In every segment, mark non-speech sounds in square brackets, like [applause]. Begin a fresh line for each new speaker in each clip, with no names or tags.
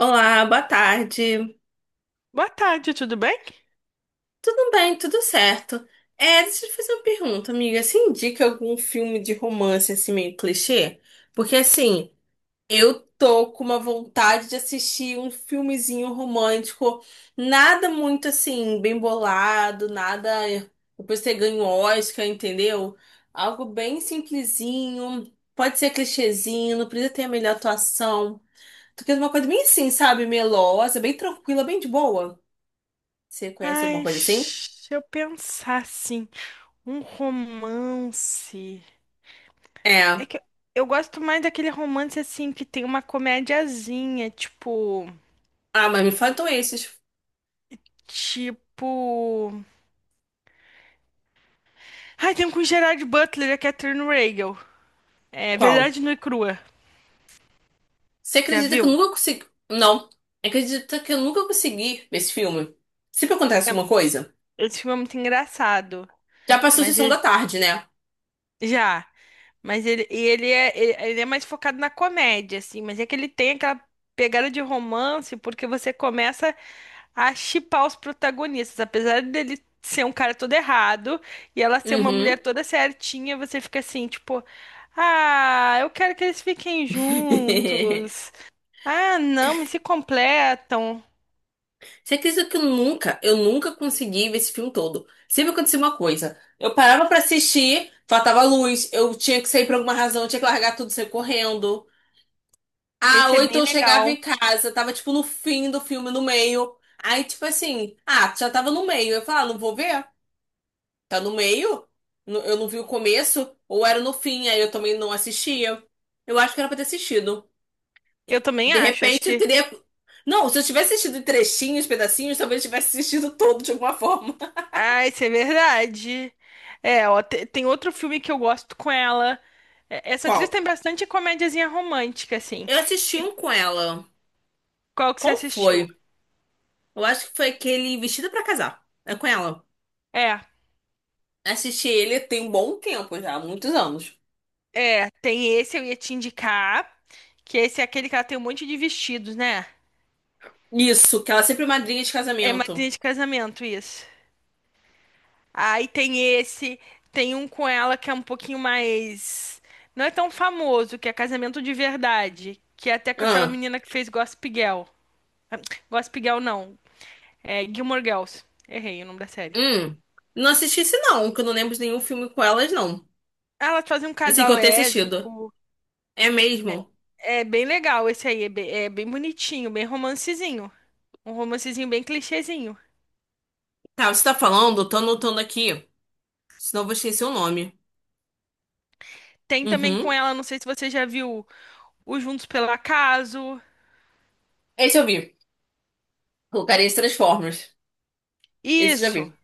Olá, boa tarde.
Boa tarde, tudo bem?
Tudo bem, tudo certo. Deixa eu te fazer uma pergunta, amiga. Você indica algum filme de romance assim meio clichê? Porque assim, eu tô com uma vontade de assistir um filmezinho romântico, nada muito assim bem bolado, nada depois você ganha um Oscar, entendeu? Algo bem simplesinho, pode ser clichêzinho, não precisa ter a melhor atuação. Tô querendo uma coisa bem assim, sabe? Melosa, bem tranquila, bem de boa. Você conhece alguma
Ai,
coisa assim?
se eu pensar assim, um romance.
É.
É que eu gosto mais daquele romance assim que tem uma comédiazinha, tipo,
Ah, mas me faltam esses.
tipo, ai, tem um com o Gerard Butler e a Catherine Reigl. É
Qual?
Verdade Nua e Crua.
Você
Já
acredita que eu
viu?
nunca consegui. Não. Acredita que eu nunca consegui esse filme? Sempre acontece
É,
alguma coisa?
esse filme é muito engraçado,
Já passou a
mas
sessão
ele
da tarde, né?
já, mas ele e ele é ele ele é mais focado na comédia assim, mas é que ele tem aquela pegada de romance porque você começa a shippar os protagonistas. Apesar dele ser um cara todo errado e ela ser uma mulher
Uhum.
toda certinha, você fica assim, tipo, ah, eu quero que eles fiquem
[laughs]
juntos. Ah, não, mas se completam.
Você acredita que eu nunca consegui ver esse filme todo? Sempre acontecia uma coisa. Eu parava pra assistir, faltava luz, eu tinha que sair por alguma razão, eu tinha que largar tudo, e sair correndo. Ah,
Esse é
ou então
bem
eu chegava
legal.
em casa, tava tipo no fim do filme, no meio. Aí, tipo assim, ah, já tava no meio. Eu falava, ah, não vou ver. Tá no meio? Eu não vi o começo, ou era no fim, aí eu também não assistia. Eu acho que era pra ter assistido.
Eu também
De
acho, acho
repente eu
que.
teria. Não, se eu tivesse assistido em trechinhos, pedacinhos, talvez eu tivesse assistido todo de alguma forma.
Ah, isso é verdade. Tem outro filme que eu gosto com ela. É,
[laughs]
essa atriz
Qual?
tem bastante comédiazinha romântica, assim.
Eu assisti
Tem-
um com ela.
Qual que você
Qual
assistiu?
foi? Eu acho que foi aquele Vestida pra Casar. É com ela.
É.
Assisti ele tem um bom tempo já, muitos anos.
É, tem esse eu ia te indicar, que esse é aquele que ela tem um monte de vestidos, né?
Isso, que ela é sempre madrinha de
É
casamento.
madrinha de casamento, isso. Aí tem esse, tem um com ela que é um pouquinho mais. Não é tão famoso, que é casamento de verdade. Que é até com aquela
Ah,
menina que fez Gossip Girl. Gossip Girl não, é Gilmore Girls. Errei o nome da série.
hum. Não assisti esse não, que eu não lembro de nenhum filme com elas, não.
Elas fazem um
É assim que
casal
eu tenho assistido.
lésbico.
É mesmo?
É bem legal esse aí. É bem bonitinho, bem romancezinho. Um romancezinho bem clichêzinho.
Tá, você tá falando, eu tô anotando aqui. Senão eu vou esquecer o nome.
Tem também com
Uhum.
ela, não sei se você já viu. O Juntos pelo Acaso.
Esse eu vi. O Carinha de Transformers. Esse eu já
Isso.
vi.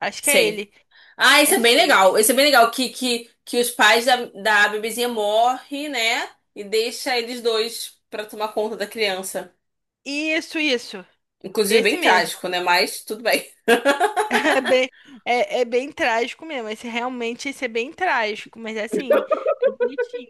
Acho que é
Sei.
ele.
Ah, esse é
Acho
bem
que é ele.
legal. Esse é bem legal. Que os pais da bebezinha morrem, né? E deixa eles dois pra tomar conta da criança.
Isso, isso.
Inclusive,
Esse
bem
mesmo. [laughs]
trágico, né? Mas tudo bem.
É bem, é bem trágico mesmo. Esse realmente esse é bem trágico, mas é assim, é bonitinho.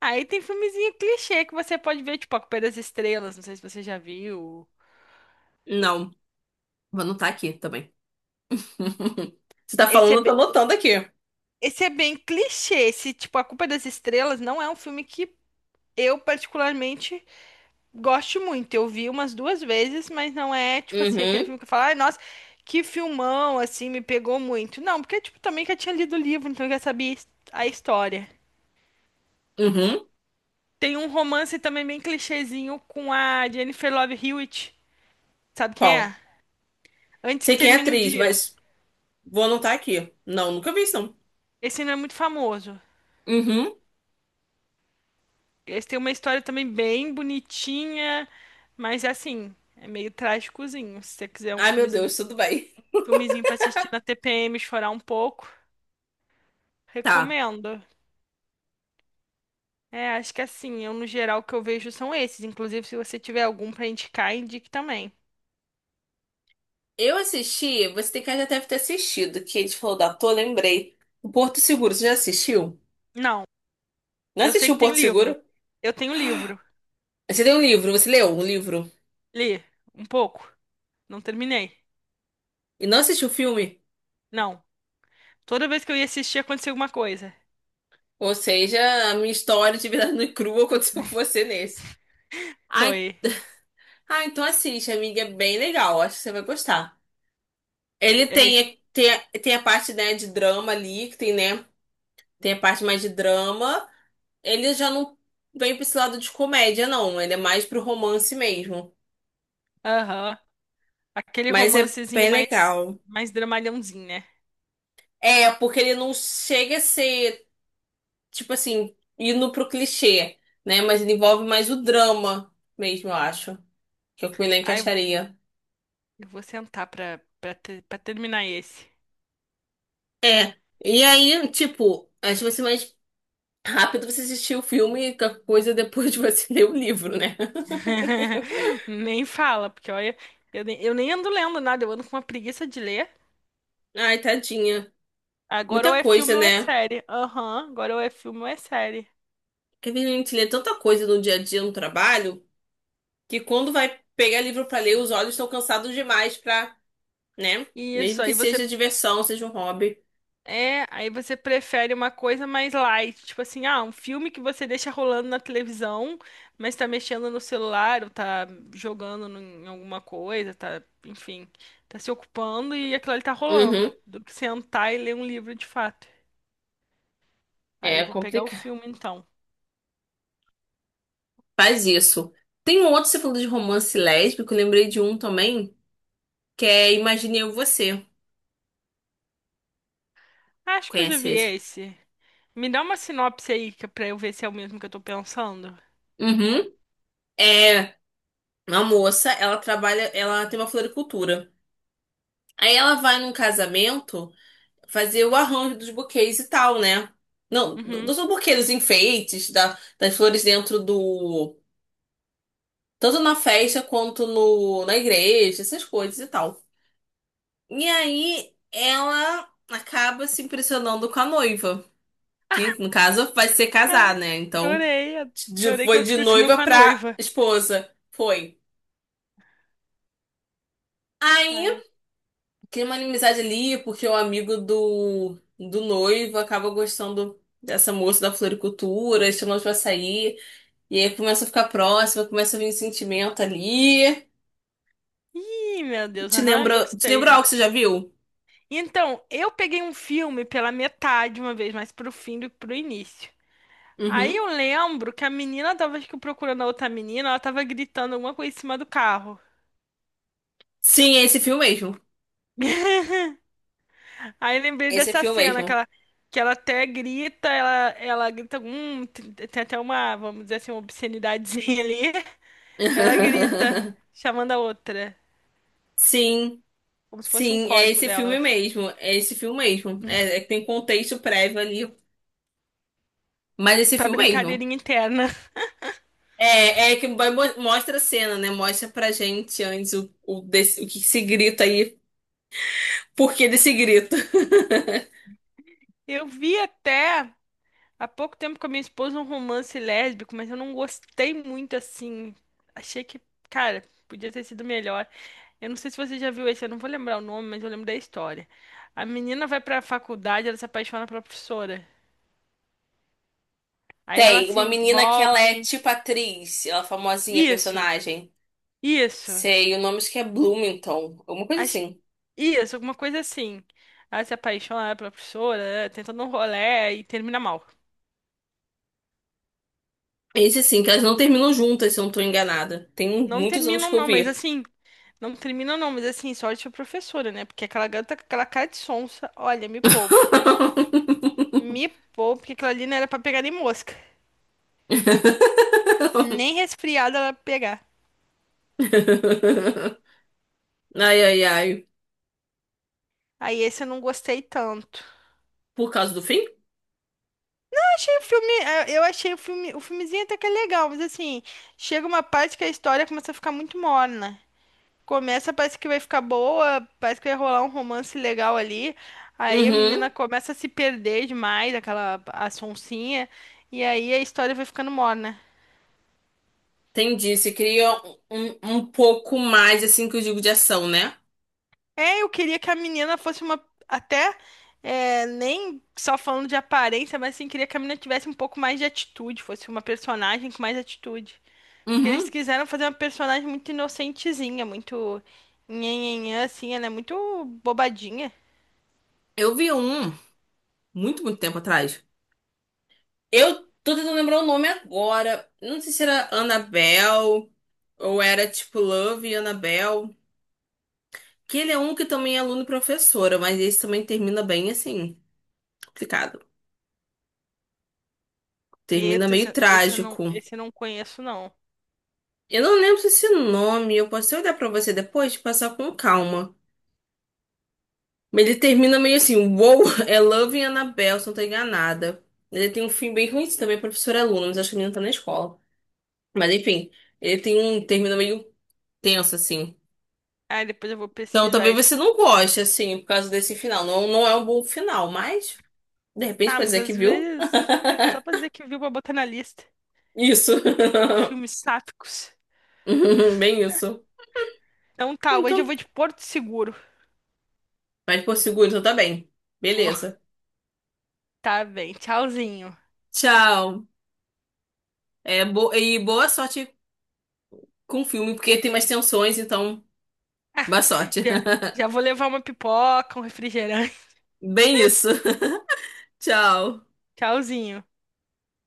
Aí tem filmezinho clichê que você pode ver, tipo, A Culpa é das Estrelas. Não sei se você já viu.
[laughs] Não, vou anotar aqui também. [laughs] Você tá
Esse é,
falando, eu tô
be-
anotando aqui.
esse é bem clichê. Esse, tipo, A Culpa é das Estrelas não é um filme que eu particularmente gosto muito, eu vi umas duas vezes, mas não é tipo assim, aquele
Uhum.
filme que eu falo, ai, nossa, que filmão, assim, me pegou muito. Não, porque tipo, também que eu tinha lido o livro, então eu já sabia a história.
Uhum.
Tem um romance também bem clichêzinho com a Jennifer Love Hewitt, sabe quem
Qual?
é? Antes
Sei
que
quem é a
Termine o
atriz,
Dia.
mas vou anotar aqui. Não, nunca vi isso, não.
Esse não é muito famoso.
Uhum.
Esse tem uma história também bem bonitinha, mas assim, é meio trágicozinho. Se você quiser um
Ai, meu Deus, tudo bem.
filmezinho pra assistir na TPM, chorar um pouco,
Tá.
recomendo. É, acho que assim, eu no geral o que eu vejo são esses. Inclusive, se você tiver algum pra indicar, indique também.
Eu assisti, você tem que já deve ter assistido, que a gente falou da Tô, lembrei. O Porto Seguro, você já assistiu?
Não,
Não
eu sei
assistiu
que
o
tem
Porto
livro.
Seguro?
Eu tenho livro.
Você tem um livro, você leu um livro
Li um pouco. Não terminei.
e não assistiu o filme?
Não. Toda vez que eu ia assistir, acontecia alguma coisa.
Ou seja, a minha história de vida [laughs] nua e crua aconteceu com você nesse. Ai,
Foi.
ah, então assiste, amiga, é bem legal, acho que você vai gostar. Ele
É isso.
tem a parte, né, de drama ali, que tem, né? Tem a parte mais de drama. Ele já não vem pra esse lado de comédia, não. Ele é mais pro romance mesmo.
Aham. Aquele
Mas é
romancezinho
bem
mais,
legal.
mais dramalhãozinho, né?
É, porque ele não chega a ser, tipo assim, indo pro clichê, né? Mas ele envolve mais o drama mesmo, eu acho. Que eu me
Ai, eu
encaixaria.
eu vou sentar pra terminar esse.
É. E aí, tipo, acho que vai ser mais rápido você assistir o filme e a coisa depois de você [laughs] ler o livro, né?
[laughs] Nem fala, porque olha, eu nem ando lendo nada, eu ando com uma preguiça de ler.
Ai, tadinha.
Agora ou
Muita
é
coisa,
filme ou é
né?
série. Aham, agora ou é filme ou é série.
Porque a gente lê tanta coisa no dia a dia no trabalho que quando vai pegar livro pra ler, os olhos estão cansados demais pra, né? Mesmo
Isso,
que
aí você
seja diversão, seja um hobby.
aí você prefere uma coisa mais light, tipo assim, ah, um filme que você deixa rolando na televisão, mas tá mexendo no celular, ou tá jogando em alguma coisa, tá, enfim, tá se ocupando e aquilo ali tá
Uhum.
rolando, do que sentar e ler um livro de fato. Aí eu
É
vou pegar o
complicado.
filme então.
Faz isso. Tem um outro, você falou de romance lésbico, eu lembrei de um também, que é Imagine Eu e Você.
Acho que eu já
Conhece
vi
esse?
esse. Me dá uma sinopse aí pra eu ver se é o mesmo que eu tô pensando.
Uhum. É uma moça, ela trabalha, ela tem uma floricultura. Aí ela vai num casamento, fazer o arranjo dos buquês e tal, né? Não,
Uhum.
dos buquês, dos enfeites, da, das flores dentro do. Tanto na festa quanto no, na igreja, essas coisas e tal. E aí ela acaba se impressionando com a noiva, que no caso vai ser
Ah,
casar, né? Então
Adorei, adorei que
foi
ela se
de
impressionou
noiva
com a
pra
noiva.
esposa. Foi.
Ai.
Aí cria uma inimizade ali, porque o amigo do, do noivo acaba gostando dessa moça da floricultura, chamou pra sair. E aí começa a ficar próxima, começa a vir um sentimento ali.
Ih, meu Deus,
Te
aham,
lembra, te
gostei,
lembra algo
né?
que você já viu?
Então, eu peguei um filme pela metade uma vez, mas pro fim do que pro início. Aí
Uhum.
eu lembro que a menina tava, acho que procurando a outra menina, ela tava gritando alguma coisa em cima do carro.
Sim, é esse filme mesmo.
[laughs] Aí eu lembrei
Esse é
dessa
filme mesmo.
que ela até grita, ela grita, tem até uma, vamos dizer assim, uma obscenidadezinha ali. [laughs] Ela grita,
[laughs]
chamando a outra,
Sim,
como se fosse um
sim, é
código
esse filme
delas.
mesmo. É esse filme mesmo. É, é que tem contexto prévio ali. Mas é esse
Pra
filme mesmo.
brincadeirinha interna.
É, é que vai mostra a cena, né? Mostra pra gente antes o que se grita aí. Por que desse grito?
Eu vi até há pouco tempo com a minha esposa um romance lésbico, mas eu não gostei muito assim. Achei que, cara, podia ter sido melhor. Eu não sei se você já viu esse, eu não vou lembrar o nome, mas eu lembro da história. A menina vai pra faculdade, ela se apaixona pela professora. Aí elas
Tem
se
uma menina que ela é
envolvem.
tipo atriz, ela é famosinha,
Isso,
personagem.
isso.
Sei, o nome acho que é Bloomington, alguma coisa
As-
assim.
Isso, alguma coisa assim. Ela se apaixona pela professora, tenta dar um rolê e termina mal.
Esse sim, que elas não terminam juntas, se eu não tô enganada. Tem um,
Não
muitos anos que
terminam,
eu
não, mas
vi.
assim. Não terminam, não, mas assim, sorte a professora, né? Porque aquela garota com aquela cara de sonsa, olha, me poupe. Me poupe, porque aquilo ali não era pra pegar nem mosca.
[laughs]
Nem resfriada ela ia pegar.
Ai, ai, ai.
Aí esse eu não gostei tanto.
Por causa do fim?
Eu achei o filme, eu achei o filme, o filmezinho até que é legal, mas assim, chega uma parte que a história começa a ficar muito morna. Começa, parece que vai ficar boa, parece que vai rolar um romance legal ali. Aí a
Uhum.
menina começa a se perder demais, aquela a sonsinha, e aí a história vai ficando morna.
Entendi. Se cria um pouco mais, assim, que eu digo de ação, né?
Eu queria que a menina fosse uma até é, nem só falando de aparência, mas assim, queria que a menina tivesse um pouco mais de atitude, fosse uma personagem com mais atitude. Porque eles
Uhum.
quiseram fazer uma personagem muito inocentezinha, muito nhenhenhã, assim, ela é muito bobadinha.
Eu vi um muito, muito tempo atrás. Eu tô tentando lembrar o nome agora. Não sei se era Annabelle ou era tipo Love e Annabelle. Que ele é um que também é aluno e professora, mas esse também termina bem assim, complicado. Termina meio trágico.
Esse eu não conheço, não.
Eu não lembro se esse nome, eu posso olhar pra você depois, passar com calma. Mas ele termina meio assim, wow, [laughs] é Love e Annabelle, se não tô enganada. Ele tem um fim bem ruim também, é professor e aluno, mas acho que ele não tá na escola. Mas enfim, ele tem um termina meio tenso assim.
Aí depois eu vou
Então
pesquisar
talvez
esse.
você não goste, assim, por causa desse final. Não, não é um bom final, mas de repente
Ah,
pode
mas
dizer que
às
viu.
vezes, é, só pra dizer que viu pra botar na lista.
[laughs] Isso.
E
[laughs]
filmes sáficos.
[laughs] Bem isso.
Então tá, hoje eu
Então,
vou de Porto Seguro.
vai por seguro, então tá.
Vou.
Beleza.
[laughs] Tá bem, tchauzinho.
Tchau. É, e boa sorte com o filme, porque tem mais tensões, então, boa sorte.
Já,
[laughs]
já vou levar uma pipoca, um refrigerante.
Bem isso. [laughs] Tchau.
[laughs] Tchauzinho.